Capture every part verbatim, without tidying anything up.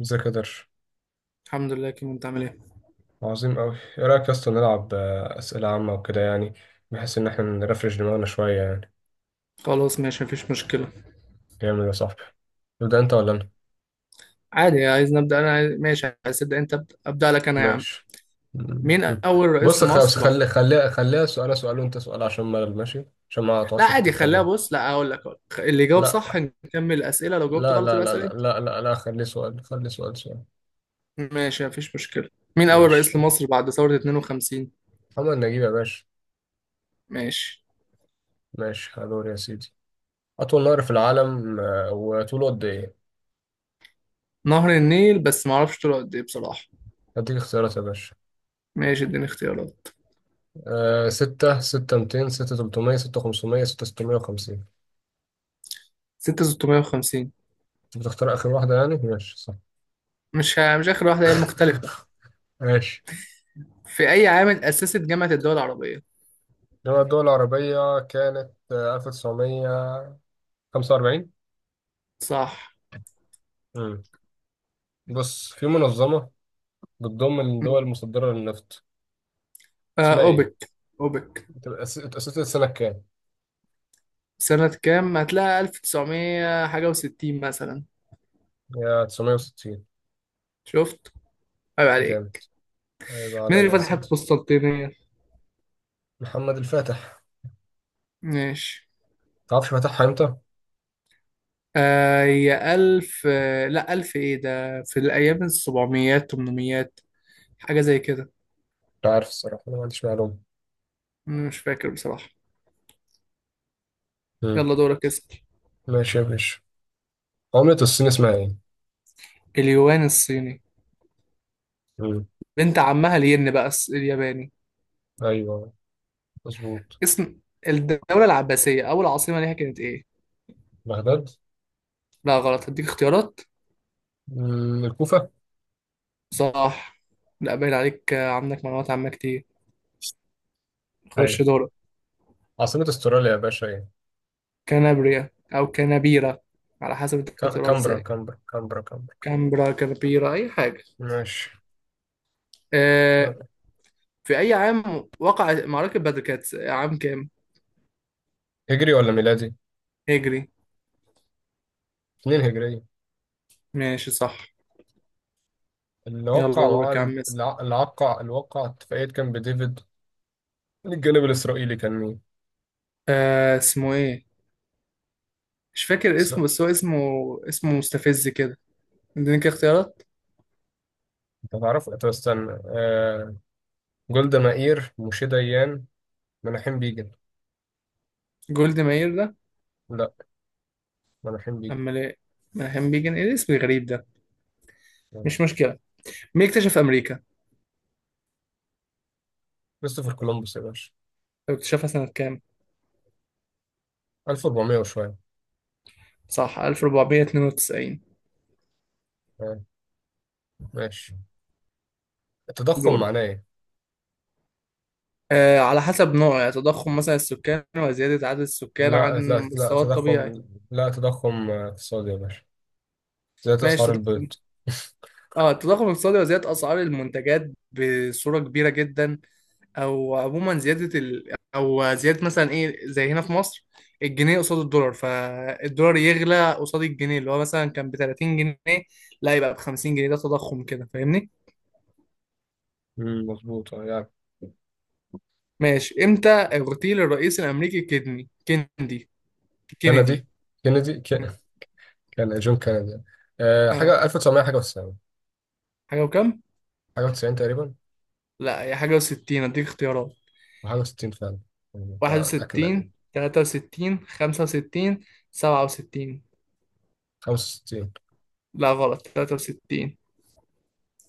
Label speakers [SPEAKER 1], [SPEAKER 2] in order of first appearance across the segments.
[SPEAKER 1] ازيك يا درش؟
[SPEAKER 2] الحمد لله، كيمو، انت عامل ايه؟
[SPEAKER 1] عظيم أوي. إيه رأيك يا اسطى، نلعب آه، أسئلة عامة وكده يعني؟ بحيث إن إحنا نرفرش دماغنا شوية يعني.
[SPEAKER 2] خلاص ماشي، مفيش مشكله.
[SPEAKER 1] جامد يا صاحبي. تبدأ أنت ولا أنا؟
[SPEAKER 2] عادي، عايز نبدا انا عايز... ماشي، عايز تبدا انت، ابدا ابدا لك انا يا عم.
[SPEAKER 1] ماشي. مم.
[SPEAKER 2] مين اول رئيس
[SPEAKER 1] بص، خلاص،
[SPEAKER 2] لمصر بعد؟
[SPEAKER 1] خلي خليها خليها سؤال سؤال، وأنت سؤال عشان ملل، ماشي؟ عشان ما
[SPEAKER 2] لا
[SPEAKER 1] تقعدش
[SPEAKER 2] عادي، خليها.
[SPEAKER 1] تتكلم.
[SPEAKER 2] بص، لا اقول لك أقول لك. اللي جاوب صح
[SPEAKER 1] لا،
[SPEAKER 2] نكمل الاسئله، لو جاوبت
[SPEAKER 1] لا،
[SPEAKER 2] غلط
[SPEAKER 1] لا،
[SPEAKER 2] يبقى
[SPEAKER 1] لا،
[SPEAKER 2] اسال
[SPEAKER 1] لا،
[SPEAKER 2] انت.
[SPEAKER 1] لا، لا، لا، خليه سؤال، خليه سؤال سؤال.
[SPEAKER 2] ماشي مفيش مشكله. مين اول
[SPEAKER 1] ماشي.
[SPEAKER 2] رئيس لمصر بعد ثوره اتنين وخمسين؟
[SPEAKER 1] محمد نجيب يا باشا.
[SPEAKER 2] ماشي.
[SPEAKER 1] ماشي، هدور يا سيدي. أطول نهر في العالم، آه، وطوله قد إيه؟
[SPEAKER 2] نهر النيل، بس ما اعرفش طوله قد ايه بصراحه.
[SPEAKER 1] هديك اختيارات يا باشا.
[SPEAKER 2] ماشي، اديني اختيارات.
[SPEAKER 1] آه ستة، ستة ميتين، ستة تلتمية، ستة خمسمية، ستة ستمية وخمسين.
[SPEAKER 2] ستة ستمية وخمسين.
[SPEAKER 1] أنت بتختار آخر واحدة يعني، ماشي صح.
[SPEAKER 2] مش ه- مش اخر واحده، هي المختلفه.
[SPEAKER 1] ماشي.
[SPEAKER 2] في اي عام اتاسست جامعه الدول العربيه؟
[SPEAKER 1] إنما الدول العربية كانت آه، ألف تسعمية خمسة وأربعين.
[SPEAKER 2] صح.
[SPEAKER 1] امم بص، في منظمة بتضم الدول المصدرة للنفط،
[SPEAKER 2] آه،
[SPEAKER 1] اسمها إيه؟
[SPEAKER 2] اوبك. اوبك.
[SPEAKER 1] بتبقى أس- اتأسست سنة كام؟
[SPEAKER 2] سنة كام؟ هتلاقي ألف تسعمية حاجة وستين مثلا.
[SPEAKER 1] هي تسعمية وستين.
[SPEAKER 2] شفت؟ عيب
[SPEAKER 1] جامد.
[SPEAKER 2] عليك.
[SPEAKER 1] هيبقى
[SPEAKER 2] مين
[SPEAKER 1] عليا
[SPEAKER 2] اللي
[SPEAKER 1] يا
[SPEAKER 2] فتح
[SPEAKER 1] سيدي.
[SPEAKER 2] القسطنطينية؟
[SPEAKER 1] محمد الفاتح.
[SPEAKER 2] ماشي.
[SPEAKER 1] تعرفش فتحها إمتى؟
[SPEAKER 2] آه، هي ألف، آه لا ألف، إيه ده، في الأيام السبعميات، تمنميات، حاجة زي كده.
[SPEAKER 1] مش عارف الصراحة، أنا ما عنديش معلومة.
[SPEAKER 2] مش فاكر بصراحة.
[SPEAKER 1] مم.
[SPEAKER 2] يلا دورك، اسأل.
[SPEAKER 1] ماشي يا باشا. عملة الصين اسمها إيه؟
[SPEAKER 2] اليوان الصيني.
[SPEAKER 1] مم.
[SPEAKER 2] بنت عمها الين بقى الس- الياباني.
[SPEAKER 1] أيوه، مظبوط.
[SPEAKER 2] اسم الدولة العباسية، أول عاصمة ليها كانت إيه؟
[SPEAKER 1] بغداد.
[SPEAKER 2] لا غلط، هديك اختيارات.
[SPEAKER 1] مم، الكوفة.
[SPEAKER 2] صح. لا باين عليك آه، عندك معلومات عامة كتير. خش
[SPEAKER 1] أيوة.
[SPEAKER 2] دورك.
[SPEAKER 1] عاصمة استراليا يا باشا، إيه؟
[SPEAKER 2] كنابريا أو كنابيرة، على حسب
[SPEAKER 1] ك-
[SPEAKER 2] أنت
[SPEAKER 1] ك-
[SPEAKER 2] بتقراها
[SPEAKER 1] كامبرا
[SPEAKER 2] إزاي.
[SPEAKER 1] كامبرا كامبرا كامبرا.
[SPEAKER 2] كامبرا، كنابيرا، أي حاجة.
[SPEAKER 1] ماشي.
[SPEAKER 2] آه. في أي عام وقع معركة بدر، كانت عام كام؟
[SPEAKER 1] هجري ولا ميلادي؟
[SPEAKER 2] هجري.
[SPEAKER 1] اتنين هجرية.
[SPEAKER 2] ماشي صح.
[SPEAKER 1] اللي
[SPEAKER 2] يلا
[SPEAKER 1] وقع
[SPEAKER 2] دورك يا
[SPEAKER 1] معاهدة
[SPEAKER 2] عم. اسم.
[SPEAKER 1] الع- اللي وقع اللي وقع اتفاقية كامب ديفيد، من الجانب الإسرائيلي كان مين؟
[SPEAKER 2] آه، اسمه إيه؟ مش فاكر اسمه،
[SPEAKER 1] إسرائيل.
[SPEAKER 2] بس هو اسمه. اسمه مستفز كده. اديني كده اختيارات.
[SPEAKER 1] أنت تعرف؟ طب استنى. آه... جولدا مائير، موشي ديان، مناحيم بيجن.
[SPEAKER 2] جولد ماير ده.
[SPEAKER 1] لا. مناحيم بيجن.
[SPEAKER 2] أمال إيه؟ ملحم بيجن، إيه الاسم الغريب ده؟
[SPEAKER 1] آه.
[SPEAKER 2] مش مشكلة. مين اكتشف أمريكا؟
[SPEAKER 1] كريستوفر كولومبوس يا باشا.
[SPEAKER 2] طب اكتشفها سنة كام؟
[SPEAKER 1] ألف وأربعمية وشوية.
[SPEAKER 2] صح، ألف أربعمية اتنين وتسعين.
[SPEAKER 1] آه. ماشي. التضخم
[SPEAKER 2] دورك.
[SPEAKER 1] معناه إيه؟
[SPEAKER 2] آه، على حسب نوع، يعني تضخم مثلا السكان، وزيادة عدد السكان عن
[SPEAKER 1] لا، لا، لا،
[SPEAKER 2] المستوى الطبيعي.
[SPEAKER 1] تضخم. لا، تضخم آه، اقتصادي يا باشا، زيادة أسعار
[SPEAKER 2] ماشي، تضخم.
[SPEAKER 1] البيض.
[SPEAKER 2] اه، التضخم الاقتصادي، وزيادة أسعار المنتجات بصورة كبيرة جدا. أو عموما زيادة ال... أو زيادة مثلا إيه، زي هنا في مصر، الجنيه قصاد الدولار، فالدولار يغلى قصاد الجنيه اللي هو مثلا كان ب ثلاثين جنيه، لا يبقى ب خمسين جنيه، ده تضخم كده. فاهمني؟
[SPEAKER 1] مم، مظبوط، آه، يعني.
[SPEAKER 2] ماشي. امتى اغتيل الرئيس الأمريكي كيدني كيندي كينيدي؟
[SPEAKER 1] كندي كندي ك-، كان جون كندي. آه،
[SPEAKER 2] اه،
[SPEAKER 1] حاجة ألف وتسعمية حاجة و90.
[SPEAKER 2] حاجة وكام؟
[SPEAKER 1] حاجة و90 تقريبا.
[SPEAKER 2] لا هي حاجة وستين، اديك اختيارات.
[SPEAKER 1] وحاجة و60 فعلا. يعني
[SPEAKER 2] واحد
[SPEAKER 1] بتاع بتاع كندي.
[SPEAKER 2] وستين، تلاتة وستين، خمسة وستين، سبعة وستين.
[SPEAKER 1] خمسة وستين.
[SPEAKER 2] لا غلط، تلاتة وستين.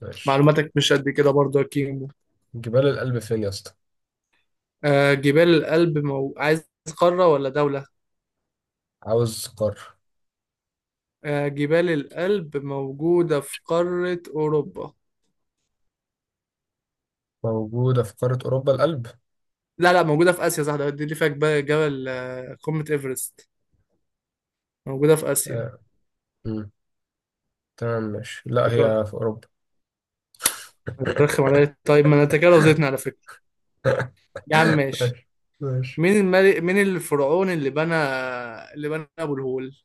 [SPEAKER 1] ماشي.
[SPEAKER 2] معلوماتك مش قد كده برضه يا كيمو.
[SPEAKER 1] جبال الألب فين يا اسطى؟
[SPEAKER 2] آه جبال الألب مو... عايز قارة ولا دولة؟
[SPEAKER 1] عاوز قارة.
[SPEAKER 2] آه، جبال الألب موجودة في قارة أوروبا.
[SPEAKER 1] موجودة في قارة أوروبا، الألب.
[SPEAKER 2] لا لا، موجودة في آسيا، صح ده، دي اللي فيها جبال، جبل آه، قمة إيفرست، موجودة في آسيا.
[SPEAKER 1] آه. مم. تمام، ماشي، لا،
[SPEAKER 2] فكرة.
[SPEAKER 1] هي في أوروبا.
[SPEAKER 2] أنا بترخم عليا؟ طيب ما أنا أنت كده رضيتني، على فكرة. يا عم ماشي.
[SPEAKER 1] ماشي. ماشي.
[SPEAKER 2] مين الملك، مين الفرعون اللي بنى اللي بنى أبو الهول؟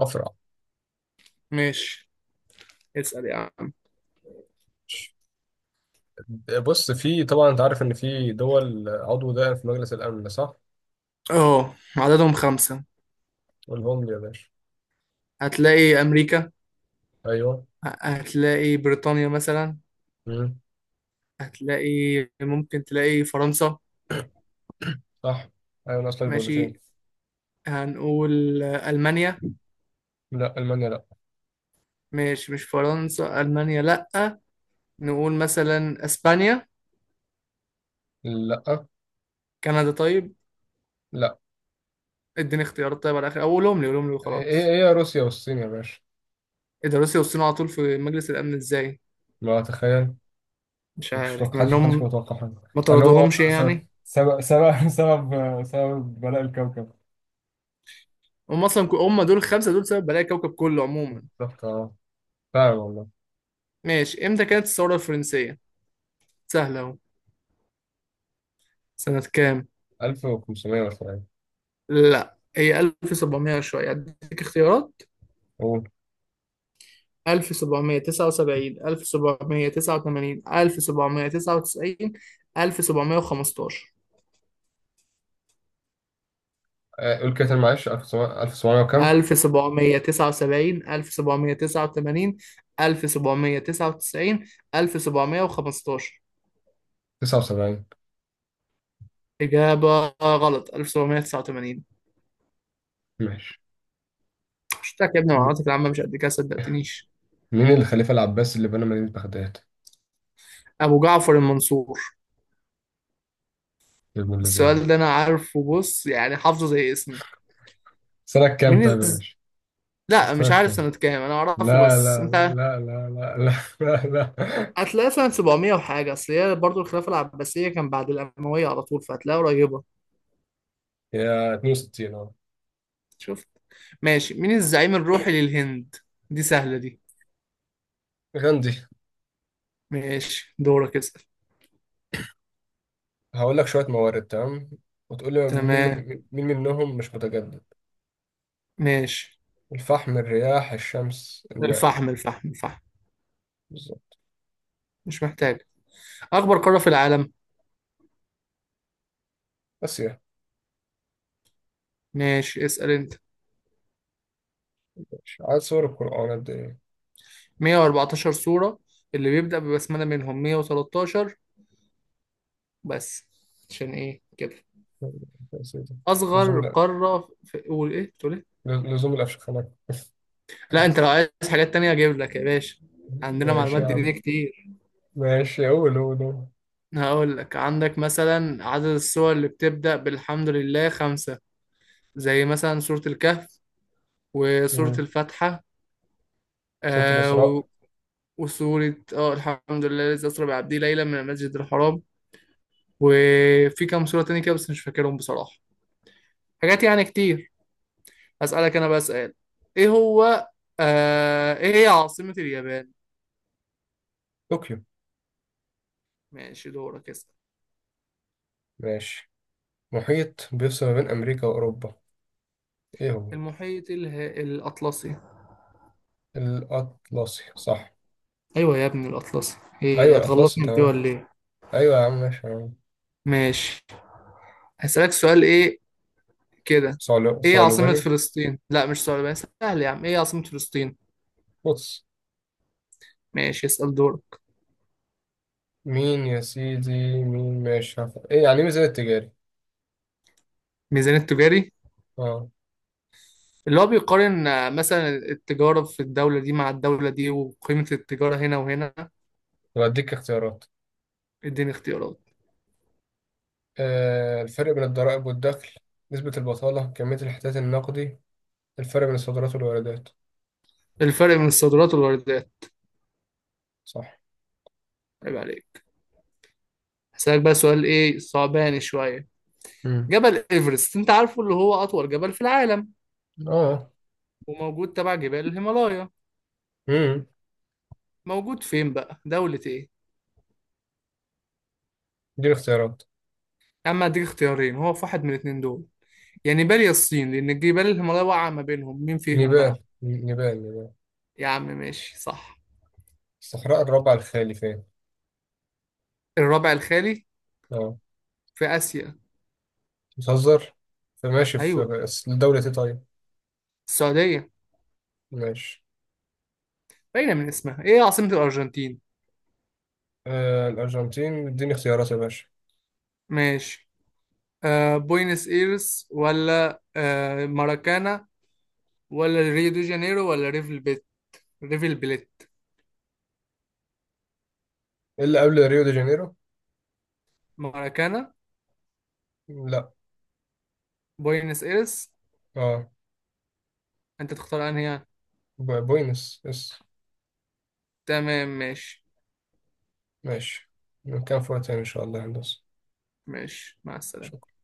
[SPEAKER 1] أفرع.
[SPEAKER 2] ماشي. اسأل يا عم.
[SPEAKER 1] بص، في طبعا انت عارف ان في دول عضو دائم في مجلس الامن، صح؟
[SPEAKER 2] اه، عددهم خمسة.
[SPEAKER 1] والهم يا باشا.
[SPEAKER 2] هتلاقي أمريكا.
[SPEAKER 1] ايوه.
[SPEAKER 2] هتلاقي بريطانيا مثلا.
[SPEAKER 1] مم.
[SPEAKER 2] هتلاقي، ممكن تلاقي فرنسا.
[SPEAKER 1] صح. ايوه، ناقص لك دولتين.
[SPEAKER 2] ماشي، هنقول ألمانيا.
[SPEAKER 1] لا، المانيا لا.
[SPEAKER 2] ماشي، مش فرنسا، ألمانيا لأ. نقول مثلا أسبانيا.
[SPEAKER 1] لا.
[SPEAKER 2] كندا طيب.
[SPEAKER 1] لا
[SPEAKER 2] اديني اختيارات طيب على الآخر، أو قولهم لي قولهم لي
[SPEAKER 1] ايه
[SPEAKER 2] وخلاص.
[SPEAKER 1] ايه روسيا والصين يا باشا.
[SPEAKER 2] إيه ده، روسيا والصين على طول في مجلس الأمن إزاي؟
[SPEAKER 1] ما تخيل.
[SPEAKER 2] مش
[SPEAKER 1] مش
[SPEAKER 2] عارف مع
[SPEAKER 1] محدش محدش كان
[SPEAKER 2] إنهم
[SPEAKER 1] متوقع حاجه.
[SPEAKER 2] ما
[SPEAKER 1] ان هو
[SPEAKER 2] طردوهمش
[SPEAKER 1] س- س-
[SPEAKER 2] يعني.
[SPEAKER 1] سبب سبب سبب سبب بلاء الكوكب.
[SPEAKER 2] هم أصلا هم دول الخمسة دول سبب بلايا الكوكب كله عموما.
[SPEAKER 1] بالظبط، اه، فعلا والله.
[SPEAKER 2] ماشي. إمتى كانت الثورة الفرنسية؟ سهلة أهو. سنة كام؟
[SPEAKER 1] ألف وخمسمية مثلا.
[SPEAKER 2] لا هي ألف وسبعمية شوية، أديك اختيارات.
[SPEAKER 1] قول.
[SPEAKER 2] ألف وسبعمية تسعة وسبعين، ألف وسبعمية تسعة وتمانين، ألف وسبعمية تسعة وتسعين، ألف وسبعمية خمستاشر.
[SPEAKER 1] آه، قول كده تاني معلش، ألف وسبعمية، ألف وسبعمية وكام.
[SPEAKER 2] ألف وسبعمية تسعة وسبعين، ألف وسبعمية تسعة وتمانين، ألف وسبعمية تسعة وتسعين، ألف وسبعمية خمستاشر.
[SPEAKER 1] تسعة وسبعين.
[SPEAKER 2] إجابة غلط، ألف وسبعمية تسعة وتمانين.
[SPEAKER 1] ماشي.
[SPEAKER 2] شفتك يا ابني، معلوماتك العامة مش قد كده، صدقتنيش.
[SPEAKER 1] مين الخليفة العباسي اللي بنى مدينة بغداد؟
[SPEAKER 2] أبو جعفر المنصور.
[SPEAKER 1] يا ابن الذين.
[SPEAKER 2] السؤال ده أنا عارفه بص، يعني حافظه زي اسمي.
[SPEAKER 1] سنة كام
[SPEAKER 2] مين؟
[SPEAKER 1] طيب يا باشا؟
[SPEAKER 2] لا مش
[SPEAKER 1] سنة
[SPEAKER 2] عارف
[SPEAKER 1] كام؟
[SPEAKER 2] سنة كام، انا اعرفه
[SPEAKER 1] لا،
[SPEAKER 2] بس
[SPEAKER 1] لا،
[SPEAKER 2] انت.
[SPEAKER 1] لا، لا، لا، لا، لا، لا.
[SPEAKER 2] هتلاقي سنة سبعمية وحاجة، اصل هي برضه الخلافة العباسية كان بعد الأموية على طول، فهتلاقيها قريبة.
[SPEAKER 1] يا اتنين وستين، اه.
[SPEAKER 2] شفت. ماشي. مين الزعيم الروحي للهند؟ دي سهلة دي.
[SPEAKER 1] غاندي.
[SPEAKER 2] ماشي، دورك اسأل.
[SPEAKER 1] هقول لك شوية موارد، تمام؟ وتقول لي مين.
[SPEAKER 2] تمام.
[SPEAKER 1] مين منهم مش متجدد؟
[SPEAKER 2] ماشي.
[SPEAKER 1] الفحم، الرياح، الشمس، الماء.
[SPEAKER 2] الفحم، الفحم، الفحم.
[SPEAKER 1] بالظبط.
[SPEAKER 2] مش محتاج. أكبر قارة في العالم.
[SPEAKER 1] بس يا...
[SPEAKER 2] ماشي، اسأل أنت.
[SPEAKER 1] ماشي. عدد سور القرآن قد ايه؟
[SPEAKER 2] مية واربعتاشر سورة. اللي بيبدأ ببسملة منهم مية وتلتاشر بس. عشان إيه كده.
[SPEAKER 1] يا سيدي.
[SPEAKER 2] أصغر
[SPEAKER 1] لزوم الأ-
[SPEAKER 2] قارة في، قول إيه تقول إيه.
[SPEAKER 1] لزوم الأفشخانات.
[SPEAKER 2] لا انت لو عايز حاجات تانية اجيب لك يا باشا، عندنا
[SPEAKER 1] ماشي
[SPEAKER 2] معلومات
[SPEAKER 1] يا
[SPEAKER 2] دينية
[SPEAKER 1] عم،
[SPEAKER 2] كتير.
[SPEAKER 1] ماشي. قول، قول، قول.
[SPEAKER 2] هقول لك، عندك مثلا عدد السور اللي بتبدأ بالحمد لله خمسة. زي مثلا سورة الكهف، وسورة
[SPEAKER 1] مم.
[SPEAKER 2] الفاتحة،
[SPEAKER 1] سورة
[SPEAKER 2] آه و-
[SPEAKER 1] الإسراء.
[SPEAKER 2] وسورة اه الحمد لله الذي أسرى بعبده ليلا من المسجد الحرام. وفي كام سورة تانية كده بس مش فاكرهم بصراحة، حاجات يعني كتير. أسألك أنا بقى سؤال. إيه هو؟ آه إيه هي عاصمة اليابان؟
[SPEAKER 1] طوكيو.
[SPEAKER 2] ماشي، دورك اسأل.
[SPEAKER 1] ماشي. محيط بيفصل ما بين أمريكا وأوروبا، إيه هو؟
[SPEAKER 2] المحيط اله- الأطلسي.
[SPEAKER 1] الأطلسي، صح.
[SPEAKER 2] ايوه يا ابني الاطلسي، ايه
[SPEAKER 1] أيوة، الأطلسي
[SPEAKER 2] هتغلطني في دي
[SPEAKER 1] تمام.
[SPEAKER 2] ولا ايه؟
[SPEAKER 1] أيوة يا عم، ماشي، تمام.
[SPEAKER 2] ماشي، هسألك سؤال ايه كده.
[SPEAKER 1] صعلو-
[SPEAKER 2] ايه عاصمة
[SPEAKER 1] صعلوباني.
[SPEAKER 2] فلسطين؟ لا مش سؤال بس سهل يا عم، ايه عاصمة فلسطين؟
[SPEAKER 1] بص.
[SPEAKER 2] ماشي، اسأل دورك.
[SPEAKER 1] مين يا سيدي؟ مين، ماشي، هف- إيه يعني إيه ميزان التجاري؟
[SPEAKER 2] ميزان التجاري.
[SPEAKER 1] أه.
[SPEAKER 2] اللي هو بيقارن آه، مثلا التجارة في الدولة دي مع الدولة دي، وقيمة التجارة هنا وهنا.
[SPEAKER 1] طب أديك اختيارات.
[SPEAKER 2] اديني اختيارات.
[SPEAKER 1] آه الفرق بين الضرائب والدخل، نسبة البطالة، كمية الاحتياط النقدي، الفرق بين الصادرات والواردات.
[SPEAKER 2] الفرق بين الصادرات والواردات.
[SPEAKER 1] صح.
[SPEAKER 2] عيب عليك. هسألك بقى سؤال ايه صعباني شوية.
[SPEAKER 1] امم
[SPEAKER 2] جبل ايفرست انت عارفه، اللي هو اطول جبل في العالم،
[SPEAKER 1] أه
[SPEAKER 2] وموجود تبع جبال الهيمالايا.
[SPEAKER 1] امم
[SPEAKER 2] موجود فين بقى، دولة ايه؟
[SPEAKER 1] دي الاختيارات.
[SPEAKER 2] يا عم هديك اختيارين، هو في واحد من الاتنين دول، يا نيبال يا الصين، لأن الجبال الهيمالايا واقعة ما بينهم، مين فيهم بقى؟
[SPEAKER 1] نيبال نيبال نيبال.
[SPEAKER 2] يا عم ماشي صح.
[SPEAKER 1] الصحراء الربع الخالي فين؟
[SPEAKER 2] الربع الخالي،
[SPEAKER 1] اه.
[SPEAKER 2] في آسيا.
[SPEAKER 1] بتهزر. فماشي، في،
[SPEAKER 2] أيوه،
[SPEAKER 1] بس لدولة ايه طيب؟
[SPEAKER 2] السعودية.
[SPEAKER 1] ماشي.
[SPEAKER 2] باينة من اسمها. إيه عاصمة الأرجنتين؟
[SPEAKER 1] آه الأرجنتين، اديني اختيارات يا باشا.
[SPEAKER 2] ماشي. آه، بوينس إيرس ولا آه ماراكانا، ولا ريو دي جانيرو ولا ريفل بيت، ريفل بليت.
[SPEAKER 1] إيه اللي قبل ريو دي جانيرو؟
[SPEAKER 2] ماراكانا،
[SPEAKER 1] لا.
[SPEAKER 2] بوينس إيرس.
[SPEAKER 1] اه.
[SPEAKER 2] أنت تختار أنهي يعني؟
[SPEAKER 1] ب- بوينس اس.
[SPEAKER 2] تمام ماشي.
[SPEAKER 1] ماشي. كان فوق تاني إن شاء الله يا هندسة.
[SPEAKER 2] ماشي، مع السلامة.
[SPEAKER 1] شكرا.